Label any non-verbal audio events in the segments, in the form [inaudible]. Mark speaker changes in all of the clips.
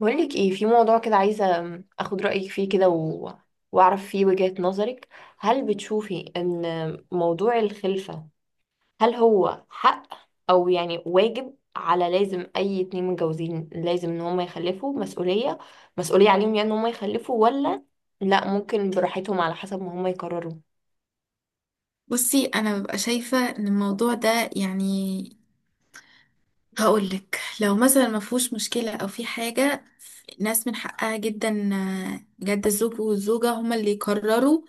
Speaker 1: بقولك ايه في موضوع كده، عايزة اخد رأيك فيه كده واعرف فيه وجهة نظرك. هل بتشوفي ان موضوع الخلفة، هل هو حق او يعني واجب، على لازم اي 2 متجوزين لازم ان هم يخلفوا، مسؤولية عليهم يعني ان هم يخلفوا، ولا لا، ممكن براحتهم على حسب ما هم يقرروا؟
Speaker 2: بصي، انا ببقى شايفه ان الموضوع ده يعني هقولك لو مثلا ما فيهوش مشكله او في حاجه، الناس من حقها جدا، بجد الزوج والزوجه هما اللي يقرروا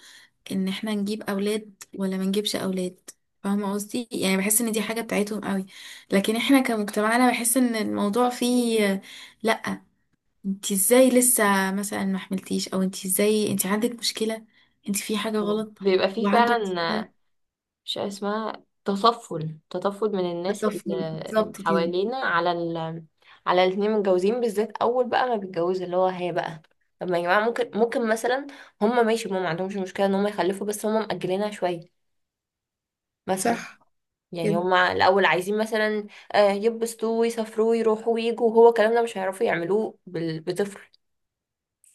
Speaker 2: ان احنا نجيب اولاد ولا ما نجيبش اولاد. فاهمه قصدي؟ يعني بحس ان دي حاجه بتاعتهم قوي. لكن احنا كمجتمعنا بحس ان الموضوع فيه لا، انت ازاي لسه مثلا ما حملتيش، او انت ازاي انت عندك مشكله، انت في حاجه
Speaker 1: اه،
Speaker 2: غلط
Speaker 1: بيبقى فيه
Speaker 2: وعنده مشكله
Speaker 1: فعلا مش عارف اسمها، تطفل، تطفل من الناس
Speaker 2: بالطفل،
Speaker 1: اللي
Speaker 2: بالظبط كده.
Speaker 1: حوالينا، على ال، على الاتنين متجوزين بالذات اول بقى ما بيتجوز، اللي هو هي بقى. طب ما يا جماعه ممكن مثلا هم ماشي، هم ما عندهمش مشكله ان هم يخلفوا، بس هم مأجلينها شويه مثلا.
Speaker 2: صح
Speaker 1: يعني
Speaker 2: كده.
Speaker 1: هم الاول عايزين مثلا، يبسطوا ويسافروا ويروحوا ويجوا، وهو الكلام ده مش هيعرفوا يعملوه بطفل.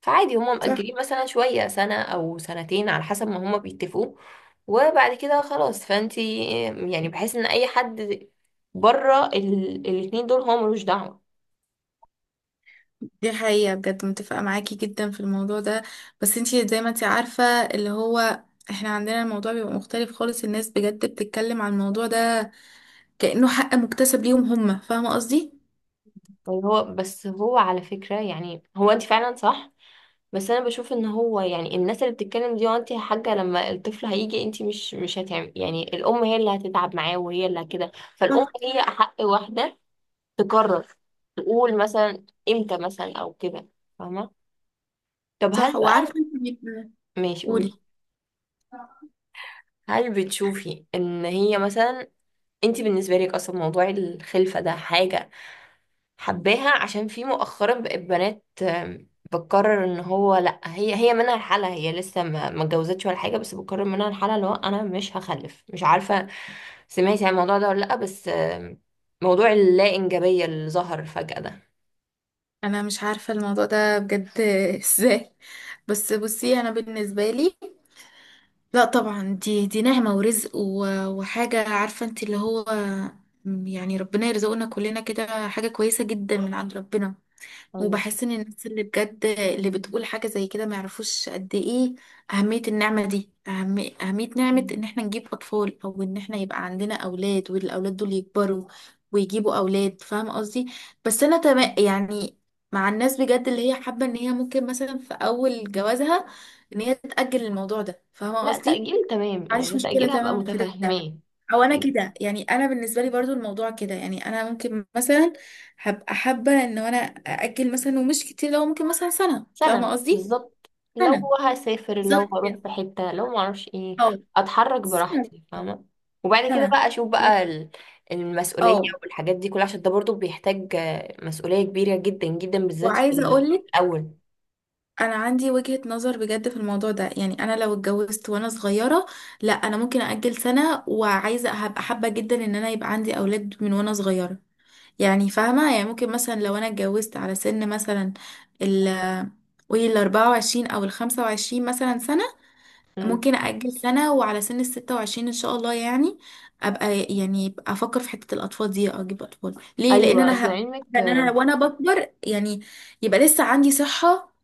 Speaker 1: فعادي هما
Speaker 2: صح
Speaker 1: مأجلين مثلا شوية، سنة أو سنتين على حسب ما هما بيتفقوا، وبعد كده خلاص. فانتي يعني بحس ان اي حد بره الاتنين دول هو ملوش دعوة.
Speaker 2: دي حقيقة بجد، متفقة معاكي جدا في الموضوع ده. بس انتي زي ما انتي عارفة، اللي هو احنا عندنا الموضوع بيبقى مختلف خالص، الناس بجد بتتكلم عن الموضوع ده كأنه حق مكتسب ليهم هما، فاهمة قصدي؟
Speaker 1: يعني هو، بس هو على فكرة، يعني هو انت فعلا صح، بس انا بشوف ان هو يعني الناس اللي بتتكلم دي، وانت يا حاجة لما الطفل هيجي انت مش هتعمل، يعني الام هي اللي هتتعب معاه وهي اللي كده، فالام
Speaker 2: صح.
Speaker 1: هي احق واحدة تقرر، تقول مثلا امتى مثلا او كده، فاهمة؟ طب هل
Speaker 2: صح.
Speaker 1: بقى،
Speaker 2: وعارفة انتي
Speaker 1: ماشي
Speaker 2: قولي.
Speaker 1: قولي. هل بتشوفي ان هي مثلا، انت بالنسبه لك اصلا موضوع الخلفه ده حاجه حباها؟ عشان في مؤخرا بقت بنات، بتقرر ان هو لا، هي هي منها الحالة، هي لسه ما اتجوزتش ولا حاجه، بس بتقرر منها الحالة اللي هو انا مش هخلف. مش عارفه سمعتي عن الموضوع ده ولا لا، بس موضوع اللا انجابيه اللي ظهر فجاه ده.
Speaker 2: انا مش عارفة الموضوع ده بجد [laughs] ازاي. بس بصي، انا بالنسبة لي، لا طبعا دي نعمة ورزق وحاجة، عارفة انت اللي هو يعني ربنا يرزقنا كلنا كده، حاجة كويسة جدا من عند ربنا.
Speaker 1: ايوه صح.
Speaker 2: وبحس ان الناس اللي بجد اللي بتقول حاجة زي كده ما يعرفوش قد ايه أهمية النعمة دي، أهم أهمية نعمة
Speaker 1: مم.
Speaker 2: ان احنا نجيب أطفال او ان احنا يبقى عندنا أولاد، والأولاد دول يكبروا ويجيبوا أولاد، فاهم قصدي. بس انا تمام يعني مع الناس بجد اللي هي حابة ان هي ممكن مثلا في اول جوازها ان هي تتأجل الموضوع ده، فاهمة
Speaker 1: لا
Speaker 2: قصدي.
Speaker 1: تأجيل تمام،
Speaker 2: ما عنديش
Speaker 1: يعني
Speaker 2: مشكلة،
Speaker 1: تأجيل هبقى
Speaker 2: تمام في ده.
Speaker 1: متفهماه.
Speaker 2: او انا كده، يعني انا بالنسبة لي برضو الموضوع كده، يعني انا ممكن مثلا هبقى حابة ان انا اجل مثلا، ومش كتير، لو ممكن مثلا سنة، فاهمة
Speaker 1: سنة
Speaker 2: قصدي.
Speaker 1: بالظبط، لو
Speaker 2: سنة
Speaker 1: هسافر،
Speaker 2: بالظبط
Speaker 1: لو هروح في
Speaker 2: كده،
Speaker 1: حتة، لو معرفش ايه،
Speaker 2: اه،
Speaker 1: اتحرك
Speaker 2: سنة،
Speaker 1: براحتي، فاهمة؟ وبعد كده
Speaker 2: سنة
Speaker 1: بقى اشوف بقى
Speaker 2: لكن-
Speaker 1: المسؤولية
Speaker 2: اه.
Speaker 1: والحاجات دي كلها، عشان ده برضو بيحتاج مسؤولية كبيرة جدا جدا بالذات في
Speaker 2: وعايزة اقولك
Speaker 1: الأول.
Speaker 2: انا عندي وجهة نظر بجد في الموضوع ده، يعني انا لو اتجوزت وانا صغيرة، لا انا ممكن اجل سنة، وعايزة هبقى حابة جدا ان انا يبقى عندي اولاد من وانا صغيرة. يعني فاهمة، يعني ممكن مثلا لو أنا اتجوزت على سن مثلا ال قولي 24 أو 25 مثلا سنة،
Speaker 1: مم.
Speaker 2: ممكن أأجل سنة وعلى سن 26 إن شاء الله، يعني أبقى أفكر في حتة الأطفال دي، أجيب أطفال ليه؟
Speaker 1: ايوه اصل علمك
Speaker 2: لأن أنا وأنا بكبر، يعني يبقى لسه عندي صحة.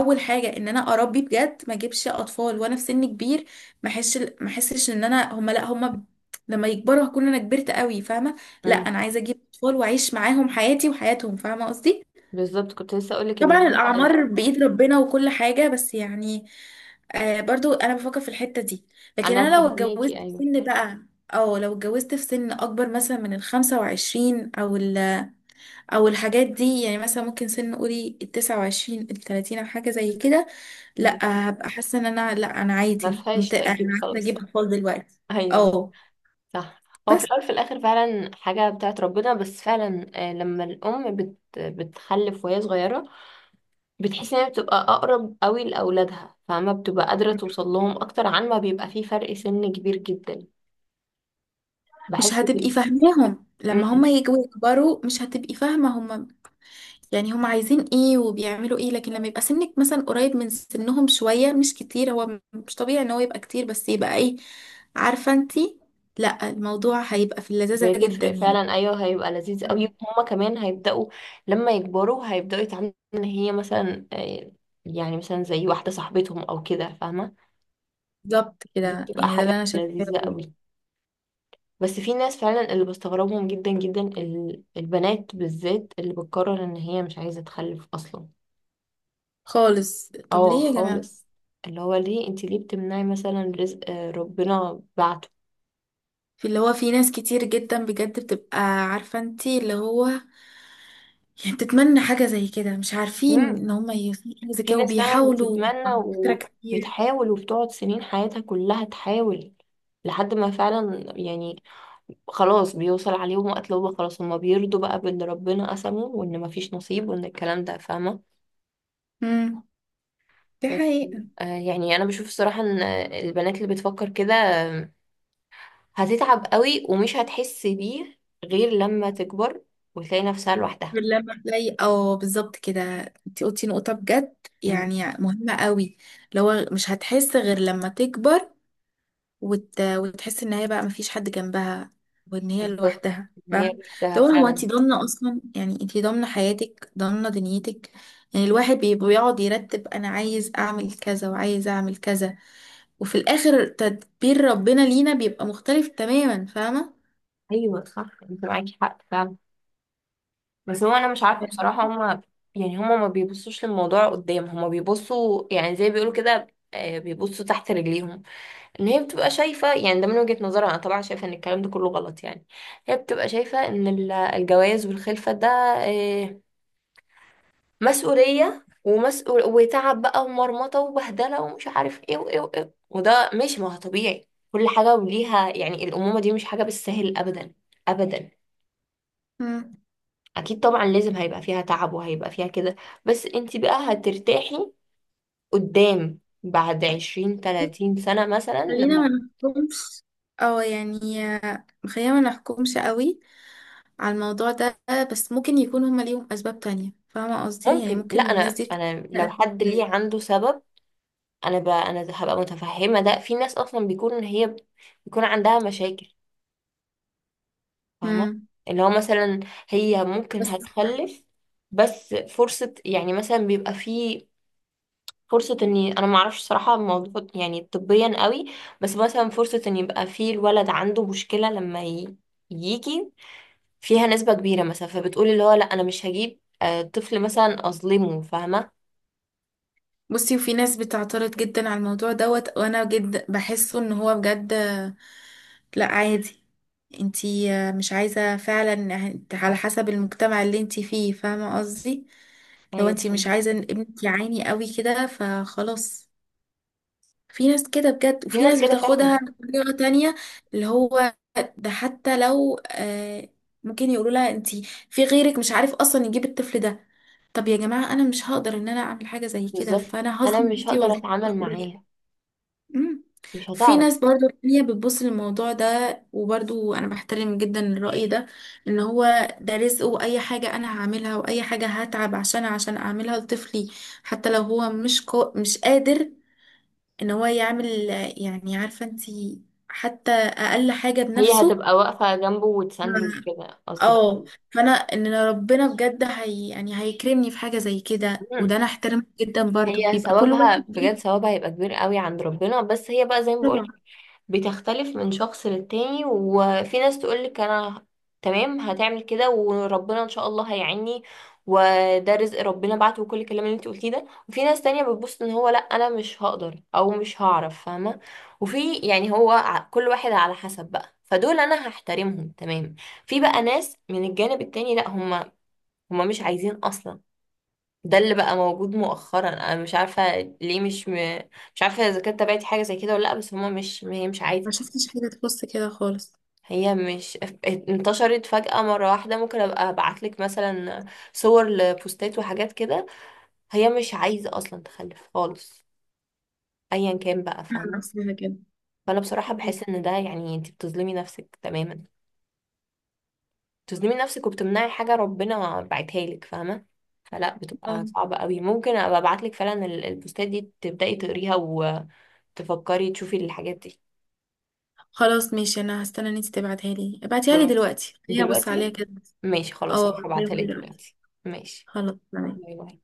Speaker 2: أول حاجة إن أنا أربي بجد، ما أجيبش أطفال وأنا في سن كبير. ما أحسش إن أنا، هما لأ، هما لما يكبروا هكون أنا كبرت قوي، فاهمة؟ لأ،
Speaker 1: مم.
Speaker 2: أنا عايزة أجيب أطفال وأعيش معاهم حياتي وحياتهم، فاهمة قصدي؟
Speaker 1: بالظبط، كنت لسه اقولك ان
Speaker 2: طبعا
Speaker 1: هو-
Speaker 2: الأعمار بإيد ربنا وكل حاجة، بس يعني برضو أنا بفكر في الحتة دي. لكن
Speaker 1: انا
Speaker 2: أنا لو
Speaker 1: فاهماكي
Speaker 2: اتجوزت في
Speaker 1: ايوه.
Speaker 2: سن بقى، أو لو اتجوزت في سن أكبر مثلا من 25 أو الحاجات دي، يعني مثلا ممكن سن قولي 29، 30، أو حاجة زي كده. لأ،
Speaker 1: مم.
Speaker 2: هبقى حاسة إن أنا لأ، أنا
Speaker 1: ما
Speaker 2: عادي
Speaker 1: فيهاش
Speaker 2: أنا
Speaker 1: تأجيل
Speaker 2: عايزة
Speaker 1: خلاص
Speaker 2: أجيب أطفال دلوقتي،
Speaker 1: [laughs] ايوه
Speaker 2: أه.
Speaker 1: صح. هو في
Speaker 2: بس
Speaker 1: الأول في الآخر فعلا حاجة بتاعت ربنا، بس فعلا لما الأم بتخلف وهي صغيرة، بتحس إن هي بتبقى أقرب قوي لأولادها، فما بتبقى قادرة توصل لهم أكتر عن ما بيبقى فيه فرق سن كبير جدا.
Speaker 2: مش
Speaker 1: بحس
Speaker 2: هتبقي
Speaker 1: كده.
Speaker 2: فاهماهم لما هما
Speaker 1: أمم.
Speaker 2: يجوا يكبروا، مش هتبقي فاهمة هما يعني هم عايزين ايه وبيعملوا ايه. لكن لما يبقى سنك مثلا قريب من سنهم شوية مش كتير، هو مش طبيعي ان هو يبقى كتير، بس يبقى ايه، عارفة انتي، لا الموضوع هيبقى في اللذاذة جدا
Speaker 1: بتفرق
Speaker 2: يعني.
Speaker 1: فعلا أيوه، هيبقى لذيذ قوي.
Speaker 2: مم.
Speaker 1: هما كمان هيبدأوا لما يكبروا، هيبدأوا يتعاملوا إن هي مثلا يعني مثلا زي واحدة صاحبتهم أو كده، فاهمة؟
Speaker 2: بالظبط
Speaker 1: دي
Speaker 2: كده،
Speaker 1: بتبقى
Speaker 2: يعني ده
Speaker 1: حاجة
Speaker 2: اللي انا شايفاه
Speaker 1: لذيذة
Speaker 2: بجد.
Speaker 1: قوي. بس في ناس فعلا اللي بستغربهم جدا جدا، البنات بالذات اللي بتقرر ان هي مش عايزة تخلف اصلا.
Speaker 2: خالص، طب
Speaker 1: اه
Speaker 2: ليه يا جماعة؟
Speaker 1: خالص. اللي هو ليه؟ انت ليه بتمنعي مثلا رزق، ربنا بعته.
Speaker 2: في اللي هو في ناس كتير جدا بجد بتبقى عارفة انتي اللي هو يعني بتتمنى حاجة زي كده، مش عارفين
Speaker 1: مم.
Speaker 2: ان هم يوصلوا لحاجة زي
Speaker 1: في
Speaker 2: كده
Speaker 1: ناس فعلا
Speaker 2: وبيحاولوا،
Speaker 1: بتتمنى
Speaker 2: على فكرة، كتير.
Speaker 1: وبتحاول وبتقعد سنين حياتها كلها تحاول، لحد ما فعلا يعني خلاص بيوصل عليهم وقت اللي هو خلاص، هما بيرضوا بقى باللي ربنا قسمه، وان مفيش نصيب، وان الكلام ده، فاهمة؟
Speaker 2: امم، دي
Speaker 1: بس
Speaker 2: حقيقة.
Speaker 1: يعني انا بشوف الصراحة ان البنات اللي بتفكر كده هتتعب قوي ومش هتحس بيه، غير لما تكبر وتلاقي نفسها لوحدها.
Speaker 2: لما تلاقي، اه بالظبط كده. انت قلتي نقطة بجد
Speaker 1: امم
Speaker 2: يعني مهمة قوي. لو مش هتحس غير لما تكبر وتحس ان هي بقى مفيش حد جنبها، وان هي
Speaker 1: بالظبط،
Speaker 2: لوحدها،
Speaker 1: ان هي
Speaker 2: فاهمة.
Speaker 1: لوحدها
Speaker 2: لو هو
Speaker 1: فعلا.
Speaker 2: انت ضامنة اصلا، يعني انت ضامنة حياتك، ضامنة دنيتك. يعني الواحد بيقعد يرتب، انا عايز اعمل كذا وعايز اعمل كذا، وفي الاخر تدبير ربنا لينا بيبقى مختلف تماما، فاهمة.
Speaker 1: ايوه صح، انت معاكي حق فعلا. بس هو انا مش عارفة بصراحة هما، يعني هما ما بيبصوش للموضوع قدام، هما بيبصوا يعني زي بيقولوا كده، بيبصوا تحت رجليهم. ان هي بتبقى شايفة يعني، ده من وجهة نظرها، انا طبعا شايفة ان الكلام ده كله غلط يعني. هي بتبقى شايفة ان الجواز والخلفة ده آه، مسؤولية، ومسؤول وتعب بقى، ومرمطة وبهدلة، ومش عارف ايه وايه وايه، وده مش، ما هو طبيعي كل حاجة وليها، يعني الأمومة دي مش حاجة بالسهل أبدا، أبدا.
Speaker 2: مم.
Speaker 1: أكيد طبعا لازم هيبقى فيها تعب، وهيبقى فيها كده، بس انت بقى هترتاحي قدام بعد 20 30 سنة مثلا
Speaker 2: خلينا
Speaker 1: لما.
Speaker 2: ما نحكمش، او يعني خلينا ما نحكمش قوي على الموضوع ده. بس ممكن يكون هما ليهم اسباب تانية، فاهمة قصدي، يعني
Speaker 1: ممكن، لا
Speaker 2: ممكن الناس
Speaker 1: أنا،
Speaker 2: دي
Speaker 1: أنا لو
Speaker 2: يعني
Speaker 1: حد ليه عنده سبب، انا بقى انا هبقى متفهمه. ده في ناس اصلا بيكون إن هي بيكون عندها مشاكل، فاهمه؟
Speaker 2: امم
Speaker 1: اللي هو مثلا، هي ممكن
Speaker 2: بس.
Speaker 1: هتخلف، بس فرصه يعني، مثلا بيبقى في فرصه اني انا ما اعرفش صراحه الموضوع يعني طبيا قوي، بس مثلا فرصه ان يبقى في الولد عنده مشكله لما يجي فيها نسبه كبيره مثلا، فبتقولي اللي هو لا انا مش هجيب طفل مثلا اظلمه، فاهمه؟
Speaker 2: بصي، وفي ناس بتعترض جدا على الموضوع دوت، وانا جد بحسه ان هو بجد لا عادي. انتي مش عايزة فعلا على حسب المجتمع اللي انتي فيه، فاهمة قصدي. لو
Speaker 1: ايوه
Speaker 2: انتي مش
Speaker 1: فاهمك.
Speaker 2: عايزة ان ابنك يعاني قوي كده، فخلاص. في ناس كده بجد،
Speaker 1: في
Speaker 2: وفي
Speaker 1: ناس
Speaker 2: ناس
Speaker 1: كده فعلا.
Speaker 2: بتاخدها بطريقة تانية، اللي هو ده. حتى لو ممكن يقولوا لها انتي في غيرك مش عارف اصلا يجيب الطفل ده، طب يا جماعة انا مش هقدر ان انا اعمل حاجة زي كده،
Speaker 1: بالظبط،
Speaker 2: فانا
Speaker 1: انا
Speaker 2: هظلم
Speaker 1: مش
Speaker 2: نفسي
Speaker 1: هقدر
Speaker 2: واظلم
Speaker 1: اتعامل
Speaker 2: الطفل ده ليه؟
Speaker 1: معاها،
Speaker 2: مم.
Speaker 1: مش
Speaker 2: في
Speaker 1: هتعرف.
Speaker 2: ناس برضو تانية بتبص للموضوع ده، وبرضو انا بحترم جدا الرأي ده، ان هو ده رزق، واي حاجة انا هعملها واي حاجة هتعب عشان اعملها لطفلي، حتى لو هو مش قادر ان هو يعمل، يعني عارفة انتي، حتى اقل حاجة
Speaker 1: هي
Speaker 2: بنفسه.
Speaker 1: هتبقى واقفة جنبه وتسنده
Speaker 2: مم.
Speaker 1: وكده قصدك كده؟
Speaker 2: اه. فانا ان ربنا بجد هي يعني هيكرمني في حاجة زي كده، وده
Speaker 1: مم.
Speaker 2: انا احترمه جدا، برضو
Speaker 1: هي
Speaker 2: بيبقى كل
Speaker 1: ثوابها
Speaker 2: واحد فيه،
Speaker 1: بجد، ثوابها هيبقى كبير قوي عند ربنا، بس هي بقى زي ما
Speaker 2: طبعا.
Speaker 1: بقولك، بتختلف من شخص للتاني. وفي ناس تقولك أنا تمام هتعمل كده، وربنا إن شاء الله هيعيني، وده رزق ربنا بعته، وكل الكلام اللي انت قلتيه ده. وفي ناس تانية بتبص ان هو لا، انا مش هقدر او مش هعرف، فاهمة؟ وفي يعني هو كل واحد على حسب بقى، فدول انا هحترمهم تمام. في بقى ناس من الجانب التاني، لا هم هما مش عايزين اصلا. ده اللي بقى موجود مؤخرا، انا مش عارفه ليه مش مش عارفه اذا كانت تابعتي حاجه زي كده ولا لا، بس هما مش، هي مش عايزه.
Speaker 2: ما شفتش حاجة تخص كده خالص.
Speaker 1: هي مش [laughs] انتشرت فجأة مرة واحدة، ممكن ابقى ابعتلك مثلا صور لبوستات وحاجات كده. هي مش عايزة اصلا تخلف خالص، ايا كان بقى،
Speaker 2: أنا
Speaker 1: فاهمة؟
Speaker 2: نفسها كده.
Speaker 1: فانا بصراحة بحس ان ده يعني انت بتظلمي نفسك تماما، تظلمي نفسك، وبتمنعي حاجة ربنا بعتها لك، فاهمة؟ فلا، بتبقى
Speaker 2: اه،
Speaker 1: صعبة قوي. ممكن ابقى ابعت لك فعلا البوستات دي تبدأي تقريها، وتفكري تشوفي الحاجات دي.
Speaker 2: خلاص ماشي، انا هستنى ان انتي تبعتها لي، ابعتيها لي
Speaker 1: خلاص،
Speaker 2: دلوقتي خليني ابص عليها
Speaker 1: دلوقتي.
Speaker 2: كده.
Speaker 1: ماشي خلاص،
Speaker 2: اه،
Speaker 1: هروح ابعتها
Speaker 2: هبعتها
Speaker 1: لك
Speaker 2: لي دلوقتي.
Speaker 1: دلوقتي. ماشي.
Speaker 2: خلاص
Speaker 1: باي
Speaker 2: تمام.
Speaker 1: باي.